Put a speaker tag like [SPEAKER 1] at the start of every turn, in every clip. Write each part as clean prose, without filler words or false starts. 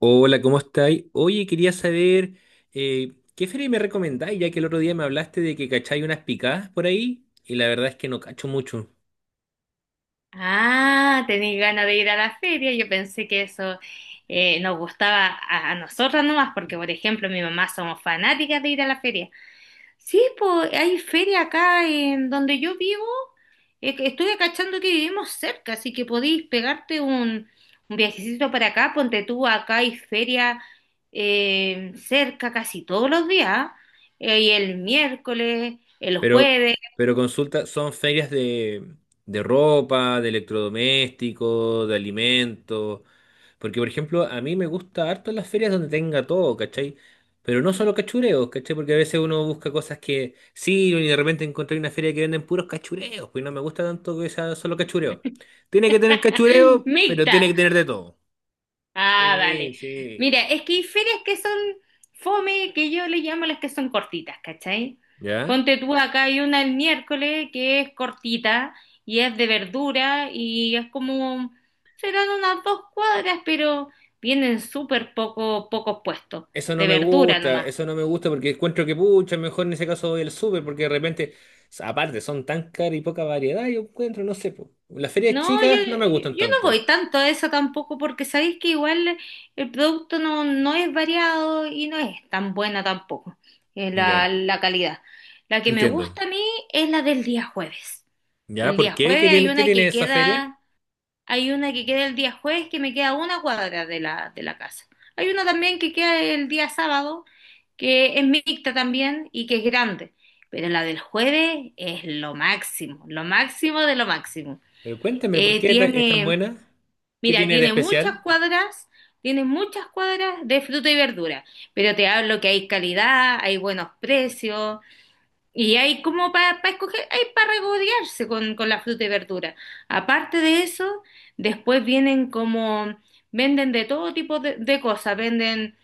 [SPEAKER 1] Hola, ¿cómo estáis? Oye, quería saber ¿qué feria me recomendáis? Ya que el otro día me hablaste de que cacháis unas picadas por ahí y la verdad es que no cacho mucho.
[SPEAKER 2] Ah, tenéis ganas de ir a la feria. Yo pensé que eso nos gustaba a nosotras nomás, porque por ejemplo mi mamá somos fanáticas de ir a la feria. Sí, pues hay feria acá en donde yo vivo. Que estuve cachando que vivimos cerca, así que podéis pegarte un viajecito para acá. Ponte tú, acá hay feria cerca casi todos los días. Y el miércoles, el
[SPEAKER 1] Pero,
[SPEAKER 2] jueves.
[SPEAKER 1] pero consulta, son ferias de ropa, de electrodomésticos, de alimentos. Porque, por ejemplo, a mí me gusta harto las ferias donde tenga todo, ¿cachai? Pero no solo cachureos, ¿cachai? Porque a veces uno busca cosas que sí, y de repente encontré una feria que venden puros cachureos, pues no me gusta tanto que sea solo cachureo. Tiene que tener cachureo, pero
[SPEAKER 2] Mixta.
[SPEAKER 1] tiene que tener de todo.
[SPEAKER 2] Ah,
[SPEAKER 1] Sí,
[SPEAKER 2] vale.
[SPEAKER 1] sí.
[SPEAKER 2] Mira, es que hay ferias que son fome, que yo le llamo las que son cortitas, ¿cachai?
[SPEAKER 1] ¿Ya?
[SPEAKER 2] Ponte tú acá, hay una el miércoles que es cortita y es de verdura y es como, serán unas dos cuadras, pero vienen súper poco, pocos puestos,
[SPEAKER 1] Eso no
[SPEAKER 2] de
[SPEAKER 1] me
[SPEAKER 2] verdura
[SPEAKER 1] gusta,
[SPEAKER 2] nomás.
[SPEAKER 1] eso no me gusta porque encuentro que pucha, mejor en ese caso voy al súper porque de repente, aparte, son tan caras y poca variedad, yo encuentro, no sé, po. Las ferias
[SPEAKER 2] No,
[SPEAKER 1] chicas no me gustan
[SPEAKER 2] yo no
[SPEAKER 1] tanto.
[SPEAKER 2] voy tanto a eso tampoco porque sabéis que igual el producto no es variado y no es tan buena tampoco
[SPEAKER 1] Ya,
[SPEAKER 2] la calidad. La que me
[SPEAKER 1] entiendo.
[SPEAKER 2] gusta a mí es la del día jueves.
[SPEAKER 1] Ya,
[SPEAKER 2] El
[SPEAKER 1] ¿por
[SPEAKER 2] día
[SPEAKER 1] qué? ¿Qué
[SPEAKER 2] jueves hay
[SPEAKER 1] tiene, qué
[SPEAKER 2] una
[SPEAKER 1] tiene
[SPEAKER 2] que
[SPEAKER 1] esa feria?
[SPEAKER 2] queda, hay una que queda el día jueves que me queda a una cuadra de de la casa. Hay una también que queda el día sábado que es mixta también y que es grande. Pero la del jueves es lo máximo de lo máximo.
[SPEAKER 1] Pero cuéntame, ¿por
[SPEAKER 2] Eh,
[SPEAKER 1] qué es tan
[SPEAKER 2] tiene,
[SPEAKER 1] buena? ¿Qué
[SPEAKER 2] mira,
[SPEAKER 1] tiene de especial?
[SPEAKER 2] tiene muchas cuadras de fruta y verdura, pero te hablo que hay calidad, hay buenos precios y hay como para escoger, hay para regodearse con la fruta y verdura. Aparte de eso, después vienen como, venden de todo tipo de cosas, venden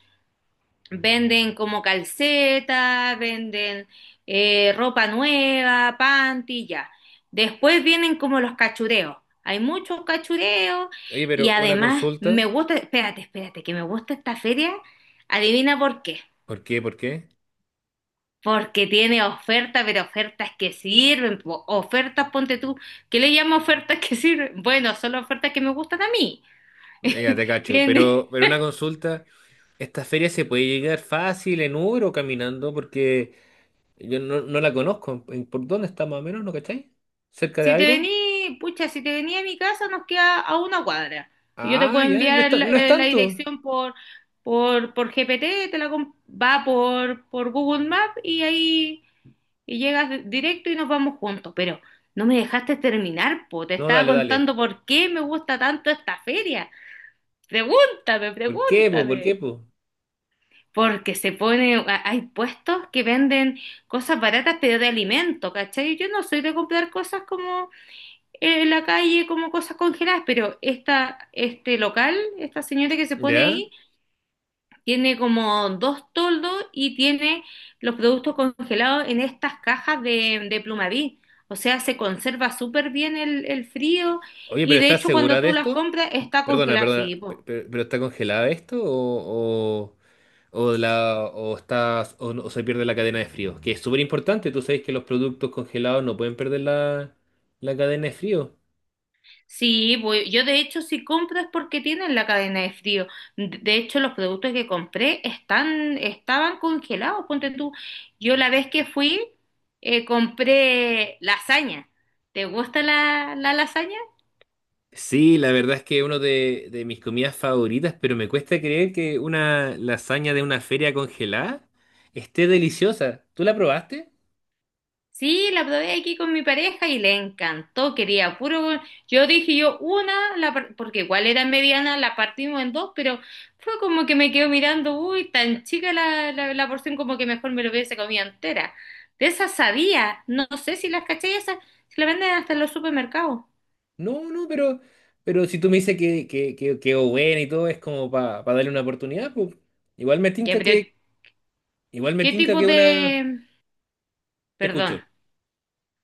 [SPEAKER 2] venden como calceta, venden ropa nueva, panty, ya. Después vienen como los cachureos. Hay muchos cachureos
[SPEAKER 1] Oye,
[SPEAKER 2] y
[SPEAKER 1] pero una
[SPEAKER 2] además
[SPEAKER 1] consulta.
[SPEAKER 2] me gusta, espérate, espérate, que me gusta esta feria. Adivina por qué.
[SPEAKER 1] ¿Por qué? ¿Por qué?
[SPEAKER 2] Porque tiene ofertas, pero ofertas que sirven. Po. Ofertas, ponte tú, ¿qué le llamo ofertas que sirven? Bueno, son las ofertas que me gustan a mí.
[SPEAKER 1] Ya te cacho. Pero,
[SPEAKER 2] Tiene,
[SPEAKER 1] pero una consulta, ¿esta feria se puede llegar fácil en Uber o caminando? Porque... Yo no, no la conozco. ¿Por dónde está más o menos? ¿No cacháis? ¿Cerca de
[SPEAKER 2] si te
[SPEAKER 1] algo?
[SPEAKER 2] vení, pucha, si te vení a mi casa nos queda a una cuadra. Yo te
[SPEAKER 1] Ah,
[SPEAKER 2] puedo
[SPEAKER 1] ya, no es,
[SPEAKER 2] enviar la,
[SPEAKER 1] no es
[SPEAKER 2] la
[SPEAKER 1] tanto.
[SPEAKER 2] dirección por GPT, te la com- va por Google Maps y ahí y llegas de- directo y nos vamos juntos. Pero no me dejaste terminar, po. Te
[SPEAKER 1] No,
[SPEAKER 2] estaba
[SPEAKER 1] dale, dale.
[SPEAKER 2] contando por qué me gusta tanto esta feria. Pregúntame,
[SPEAKER 1] ¿Por qué, po? ¿Por qué,
[SPEAKER 2] pregúntame.
[SPEAKER 1] po?
[SPEAKER 2] Porque se pone, a- hay puestos que venden cosas baratas, pero de alimento, ¿cachai? Yo no soy de comprar cosas como en la calle como cosas congeladas, pero esta, este local, esta señora que se pone
[SPEAKER 1] ¿Ya?
[SPEAKER 2] ahí, tiene como dos toldos y tiene los productos congelados en estas cajas de Plumaví. O sea, se conserva súper bien el frío
[SPEAKER 1] Oye,
[SPEAKER 2] y
[SPEAKER 1] pero
[SPEAKER 2] de
[SPEAKER 1] ¿estás
[SPEAKER 2] hecho
[SPEAKER 1] segura
[SPEAKER 2] cuando
[SPEAKER 1] de
[SPEAKER 2] tú las
[SPEAKER 1] esto?
[SPEAKER 2] compras está
[SPEAKER 1] Perdona,
[SPEAKER 2] congelado,
[SPEAKER 1] perdona.
[SPEAKER 2] sí, pues,
[SPEAKER 1] ¿Pero, está congelada esto? O la, o, estás, o, no- o se pierde la cadena de frío? Que es súper importante. Tú sabes que los productos congelados no pueden perder la, cadena de frío.
[SPEAKER 2] sí, voy- yo de hecho si compro es porque tienen la cadena de frío. De hecho los productos que compré están, estaban congelados, ponte tú. Yo la vez que fui compré lasaña. ¿Te gusta la lasaña?
[SPEAKER 1] Sí, la verdad es que uno de mis comidas favoritas, pero me cuesta creer que una lasaña de una feria congelada esté deliciosa. ¿Tú la probaste?
[SPEAKER 2] Sí, la probé aquí con mi pareja y le encantó, quería puro. Yo dije yo una, la par- porque igual era mediana, la partimos en dos, pero fue como que me quedo mirando, uy, tan chica la porción como que mejor me lo hubiese comido entera. De esas sabía, no, sé si las caché esas, se las venden hasta en los supermercados.
[SPEAKER 1] No, no, pero si tú me dices que, que quedó buena y todo, es como para darle una oportunidad, pues igual me
[SPEAKER 2] Ya,
[SPEAKER 1] tinca
[SPEAKER 2] pero
[SPEAKER 1] que, igual me
[SPEAKER 2] ¿qué
[SPEAKER 1] tinca
[SPEAKER 2] tipo
[SPEAKER 1] que una...
[SPEAKER 2] de...
[SPEAKER 1] Te
[SPEAKER 2] perdón,
[SPEAKER 1] escucho.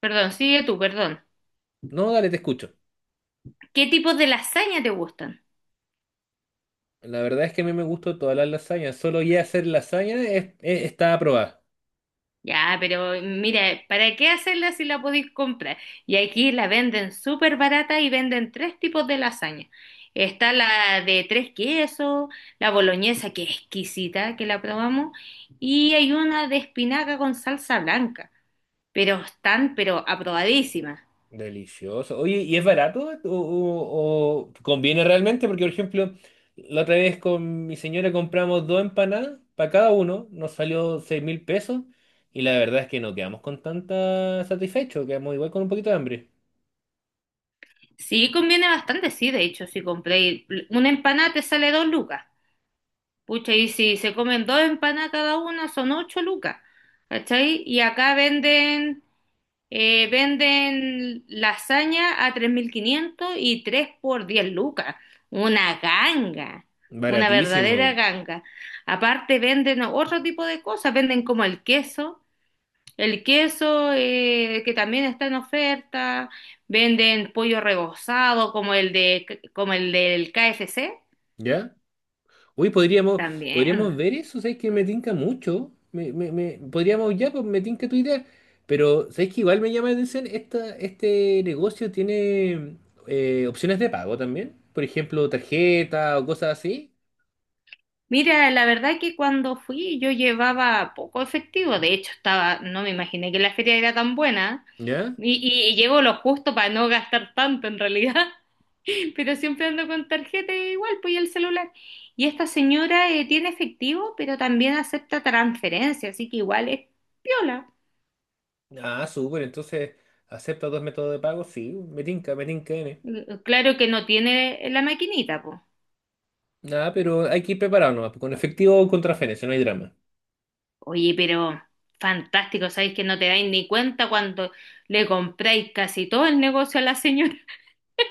[SPEAKER 2] perdón, sigue tú, perdón.
[SPEAKER 1] No, dale, te escucho.
[SPEAKER 2] ¿Qué tipos de lasaña te gustan?
[SPEAKER 1] La verdad es que a mí me gustó todas las lasañas. Solo ya hacer lasaña está aprobada.
[SPEAKER 2] Ya, pero mira, ¿para qué hacerla si la podéis comprar? Y aquí la venden súper barata y venden tres tipos de lasaña. Está la de tres quesos, la boloñesa que es exquisita, que la probamos, y hay una de espinaca con salsa blanca, pero están, pero aprobadísimas.
[SPEAKER 1] Delicioso. Oye, ¿y es barato o conviene realmente? Porque, por ejemplo, la otra vez con mi señora compramos dos empanadas para cada uno, nos salió 6.000 pesos y la verdad es que no quedamos con tanta satisfecho, quedamos igual con un poquito de hambre.
[SPEAKER 2] Sí, conviene bastante, sí, de hecho, si compréis una empanada te sale dos lucas. Pucha, y si se comen dos empanadas cada una son ocho lucas, ¿cachai? Y acá venden... venden lasaña a 3.500 y 3 por 10 lucas. Una ganga, una verdadera
[SPEAKER 1] Baratísimo,
[SPEAKER 2] ganga. Aparte venden otro tipo de cosas, venden como el queso que también está en oferta, venden pollo rebozado como el de, como el del KFC
[SPEAKER 1] ¿ya? Uy, podríamos,
[SPEAKER 2] también.
[SPEAKER 1] podríamos ver eso, ¿sabes que me tinca mucho? Podríamos ya, pues me tinca tu idea. Pero, ¿sabes que igual me llama la atención? Este negocio tiene opciones de pago también. Por ejemplo, tarjeta o cosas así.
[SPEAKER 2] Mira, la verdad que cuando fui yo llevaba poco efectivo, de hecho estaba, no me imaginé que la feria era tan buena
[SPEAKER 1] ¿Ya?
[SPEAKER 2] y, y llevo lo justo para no gastar tanto en realidad, pero siempre ando con tarjeta e igual, pues y el celular. Y esta señora tiene efectivo, pero también acepta transferencia, así que igual es piola.
[SPEAKER 1] Ah, súper. Entonces, ¿acepta dos métodos de pago? Sí, me tinca N.
[SPEAKER 2] Claro que no tiene la maquinita, pues.
[SPEAKER 1] Nada, pero hay que ir preparado nomás, pues, con efectivo o con transferencia, no hay drama.
[SPEAKER 2] Oye, pero fantástico, sabéis que no te dais ni cuenta cuando le compráis casi todo el negocio a la señora.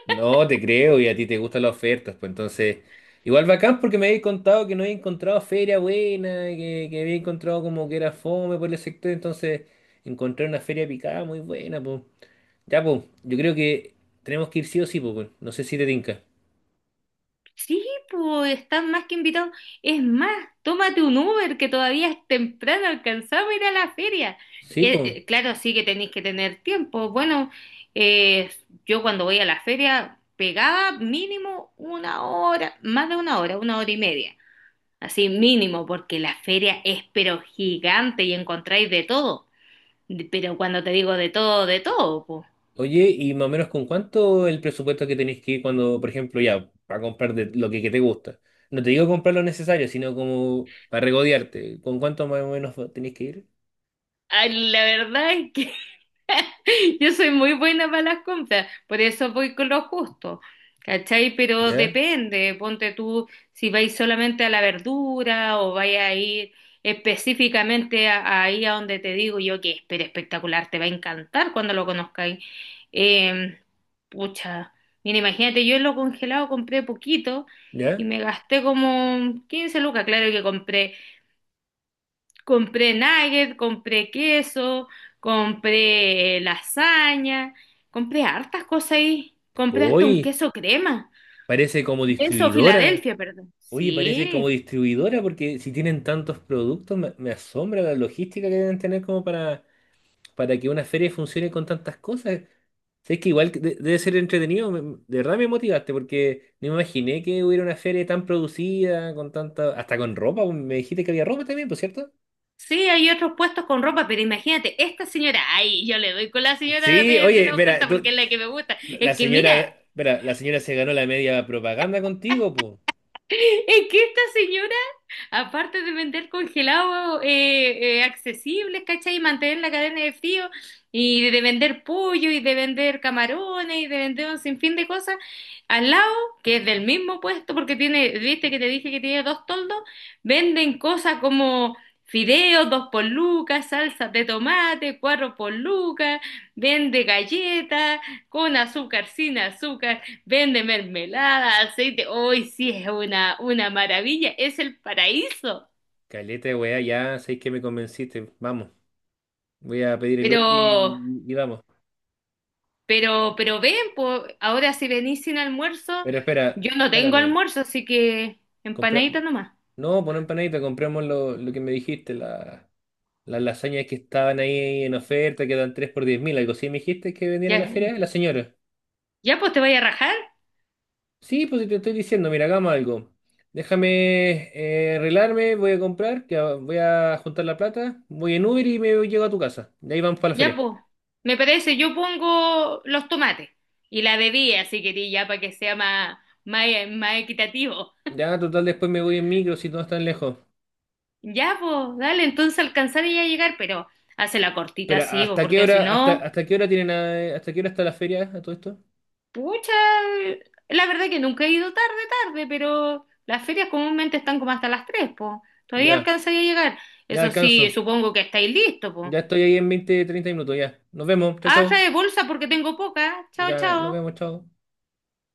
[SPEAKER 1] No, te creo, y a ti te gustan las ofertas, pues entonces, igual bacán porque me habéis contado que no había encontrado feria buena, que había encontrado como que era fome por el sector, entonces encontré una feria picada muy buena, pues. Ya, pues, yo creo que tenemos que ir sí o sí, pues, weón. No sé si te tinca.
[SPEAKER 2] Sí, pues están más que invitados. Es más, tómate un Uber que todavía es temprano, alcanzamos a ir a la feria.
[SPEAKER 1] Sí, pues.
[SPEAKER 2] Claro, sí que tenéis que tener tiempo. Bueno, eh, yo cuando voy a la feria pegaba mínimo una hora, más de una hora y media. Así mínimo, porque la feria es pero gigante y encontráis de todo. De- pero cuando te digo de todo, pues.
[SPEAKER 1] Oye, y más o menos con cuánto el presupuesto que tenéis que ir cuando, por ejemplo, ya, para comprar de lo que te gusta. No te digo comprar lo necesario, sino como para regodearte. ¿Con cuánto más o menos tenéis que ir?
[SPEAKER 2] Ay, la verdad es que yo soy muy buena para las compras, por eso voy con lo justo, ¿cachai? Pero
[SPEAKER 1] ¿Ya?
[SPEAKER 2] depende, ponte tú si vais solamente a la verdura o vais a ir específicamente a ahí a donde te digo yo que es pero espectacular, te va a encantar cuando lo conozcáis. Eh, pucha, mira, imagínate, yo en lo congelado compré poquito y
[SPEAKER 1] ¿Ya?
[SPEAKER 2] me gasté como 15 lucas, claro que compré. Compré nugget, compré queso, compré lasaña, compré hartas cosas ahí. Compré hasta un
[SPEAKER 1] Uy.
[SPEAKER 2] queso crema,
[SPEAKER 1] Parece como
[SPEAKER 2] queso
[SPEAKER 1] distribuidora.
[SPEAKER 2] Filadelfia, perdón.
[SPEAKER 1] Oye, parece
[SPEAKER 2] Sí,
[SPEAKER 1] como distribuidora porque si tienen tantos productos, me asombra la logística que deben tener como para, que una feria funcione con tantas cosas. Sé que igual que debe ser entretenido. De verdad me motivaste porque no me imaginé que hubiera una feria tan producida, con tanta, hasta con ropa. Me dijiste que había ropa también, ¿por cierto?
[SPEAKER 2] sí, hay otros puestos con ropa, pero imagínate, esta señora, ay, yo le doy con la señora
[SPEAKER 1] Sí,
[SPEAKER 2] de
[SPEAKER 1] oye,
[SPEAKER 2] la
[SPEAKER 1] espera,
[SPEAKER 2] oferta porque es la que me gusta.
[SPEAKER 1] la
[SPEAKER 2] Es que
[SPEAKER 1] señora,
[SPEAKER 2] mira,
[SPEAKER 1] espera, la señora se ganó la media propaganda contigo, pues.
[SPEAKER 2] es que esta señora aparte de vender congelados accesibles, ¿cachai? Y mantener la cadena de frío, y de vender pollo, y de vender camarones, y de vender un sinfín de cosas, al lado, que es del mismo puesto, porque tiene, viste que te dije que tiene dos toldos, venden cosas como fideos, dos por lucas, salsas de tomate, cuatro por lucas, vende galletas, con azúcar, sin azúcar. Vende mermelada, aceite. Hoy sí es una maravilla, es el paraíso.
[SPEAKER 1] Caleta, de weá, ya sé que me convenciste. Vamos. Voy a pedir el
[SPEAKER 2] Pero,
[SPEAKER 1] Uber y vamos.
[SPEAKER 2] pero ven, po, ahora si venís sin almuerzo,
[SPEAKER 1] Pero espera,
[SPEAKER 2] yo no tengo
[SPEAKER 1] espérame.
[SPEAKER 2] almuerzo, así que
[SPEAKER 1] Compra...
[SPEAKER 2] empanadita nomás.
[SPEAKER 1] No, por empanadita, compramos lo que me dijiste, las lasañas que estaban ahí en oferta, que dan 3 por 10.000, algo así. ¿Me dijiste que vendían en
[SPEAKER 2] Ya,
[SPEAKER 1] la feria? La señora.
[SPEAKER 2] ya pues te voy a rajar.
[SPEAKER 1] Sí, pues si te estoy diciendo, mira, hagamos algo. Déjame arreglarme, voy a comprar, que voy a juntar la plata, voy en Uber y me llego a tu casa. De ahí vamos para la
[SPEAKER 2] Ya
[SPEAKER 1] feria.
[SPEAKER 2] pues, me parece, yo pongo los tomates y la bebida, si querís, ya para que sea más, más equitativo.
[SPEAKER 1] Ya, total, después me voy en micro si no están lejos.
[SPEAKER 2] Ya pues, dale, entonces alcanzar y ya llegar, pero hace la cortita
[SPEAKER 1] Pero,
[SPEAKER 2] así, po,
[SPEAKER 1] ¿hasta qué
[SPEAKER 2] porque si
[SPEAKER 1] hora, hasta,
[SPEAKER 2] no.
[SPEAKER 1] hasta qué hora tienen, hasta qué hora está la feria a todo esto?
[SPEAKER 2] Pucha, la verdad que nunca he ido tarde, pero las ferias comúnmente están como hasta las 3, po. Todavía
[SPEAKER 1] Ya,
[SPEAKER 2] alcanzaría a llegar.
[SPEAKER 1] ya
[SPEAKER 2] Eso sí,
[SPEAKER 1] alcanzo.
[SPEAKER 2] supongo que estáis listos,
[SPEAKER 1] Ya
[SPEAKER 2] po.
[SPEAKER 1] estoy ahí en 20-30 minutos, ya. Nos vemos, chau,
[SPEAKER 2] Ah,
[SPEAKER 1] chau.
[SPEAKER 2] trae bolsa porque tengo poca. Chao,
[SPEAKER 1] Ya, nos
[SPEAKER 2] chao.
[SPEAKER 1] vemos, chau.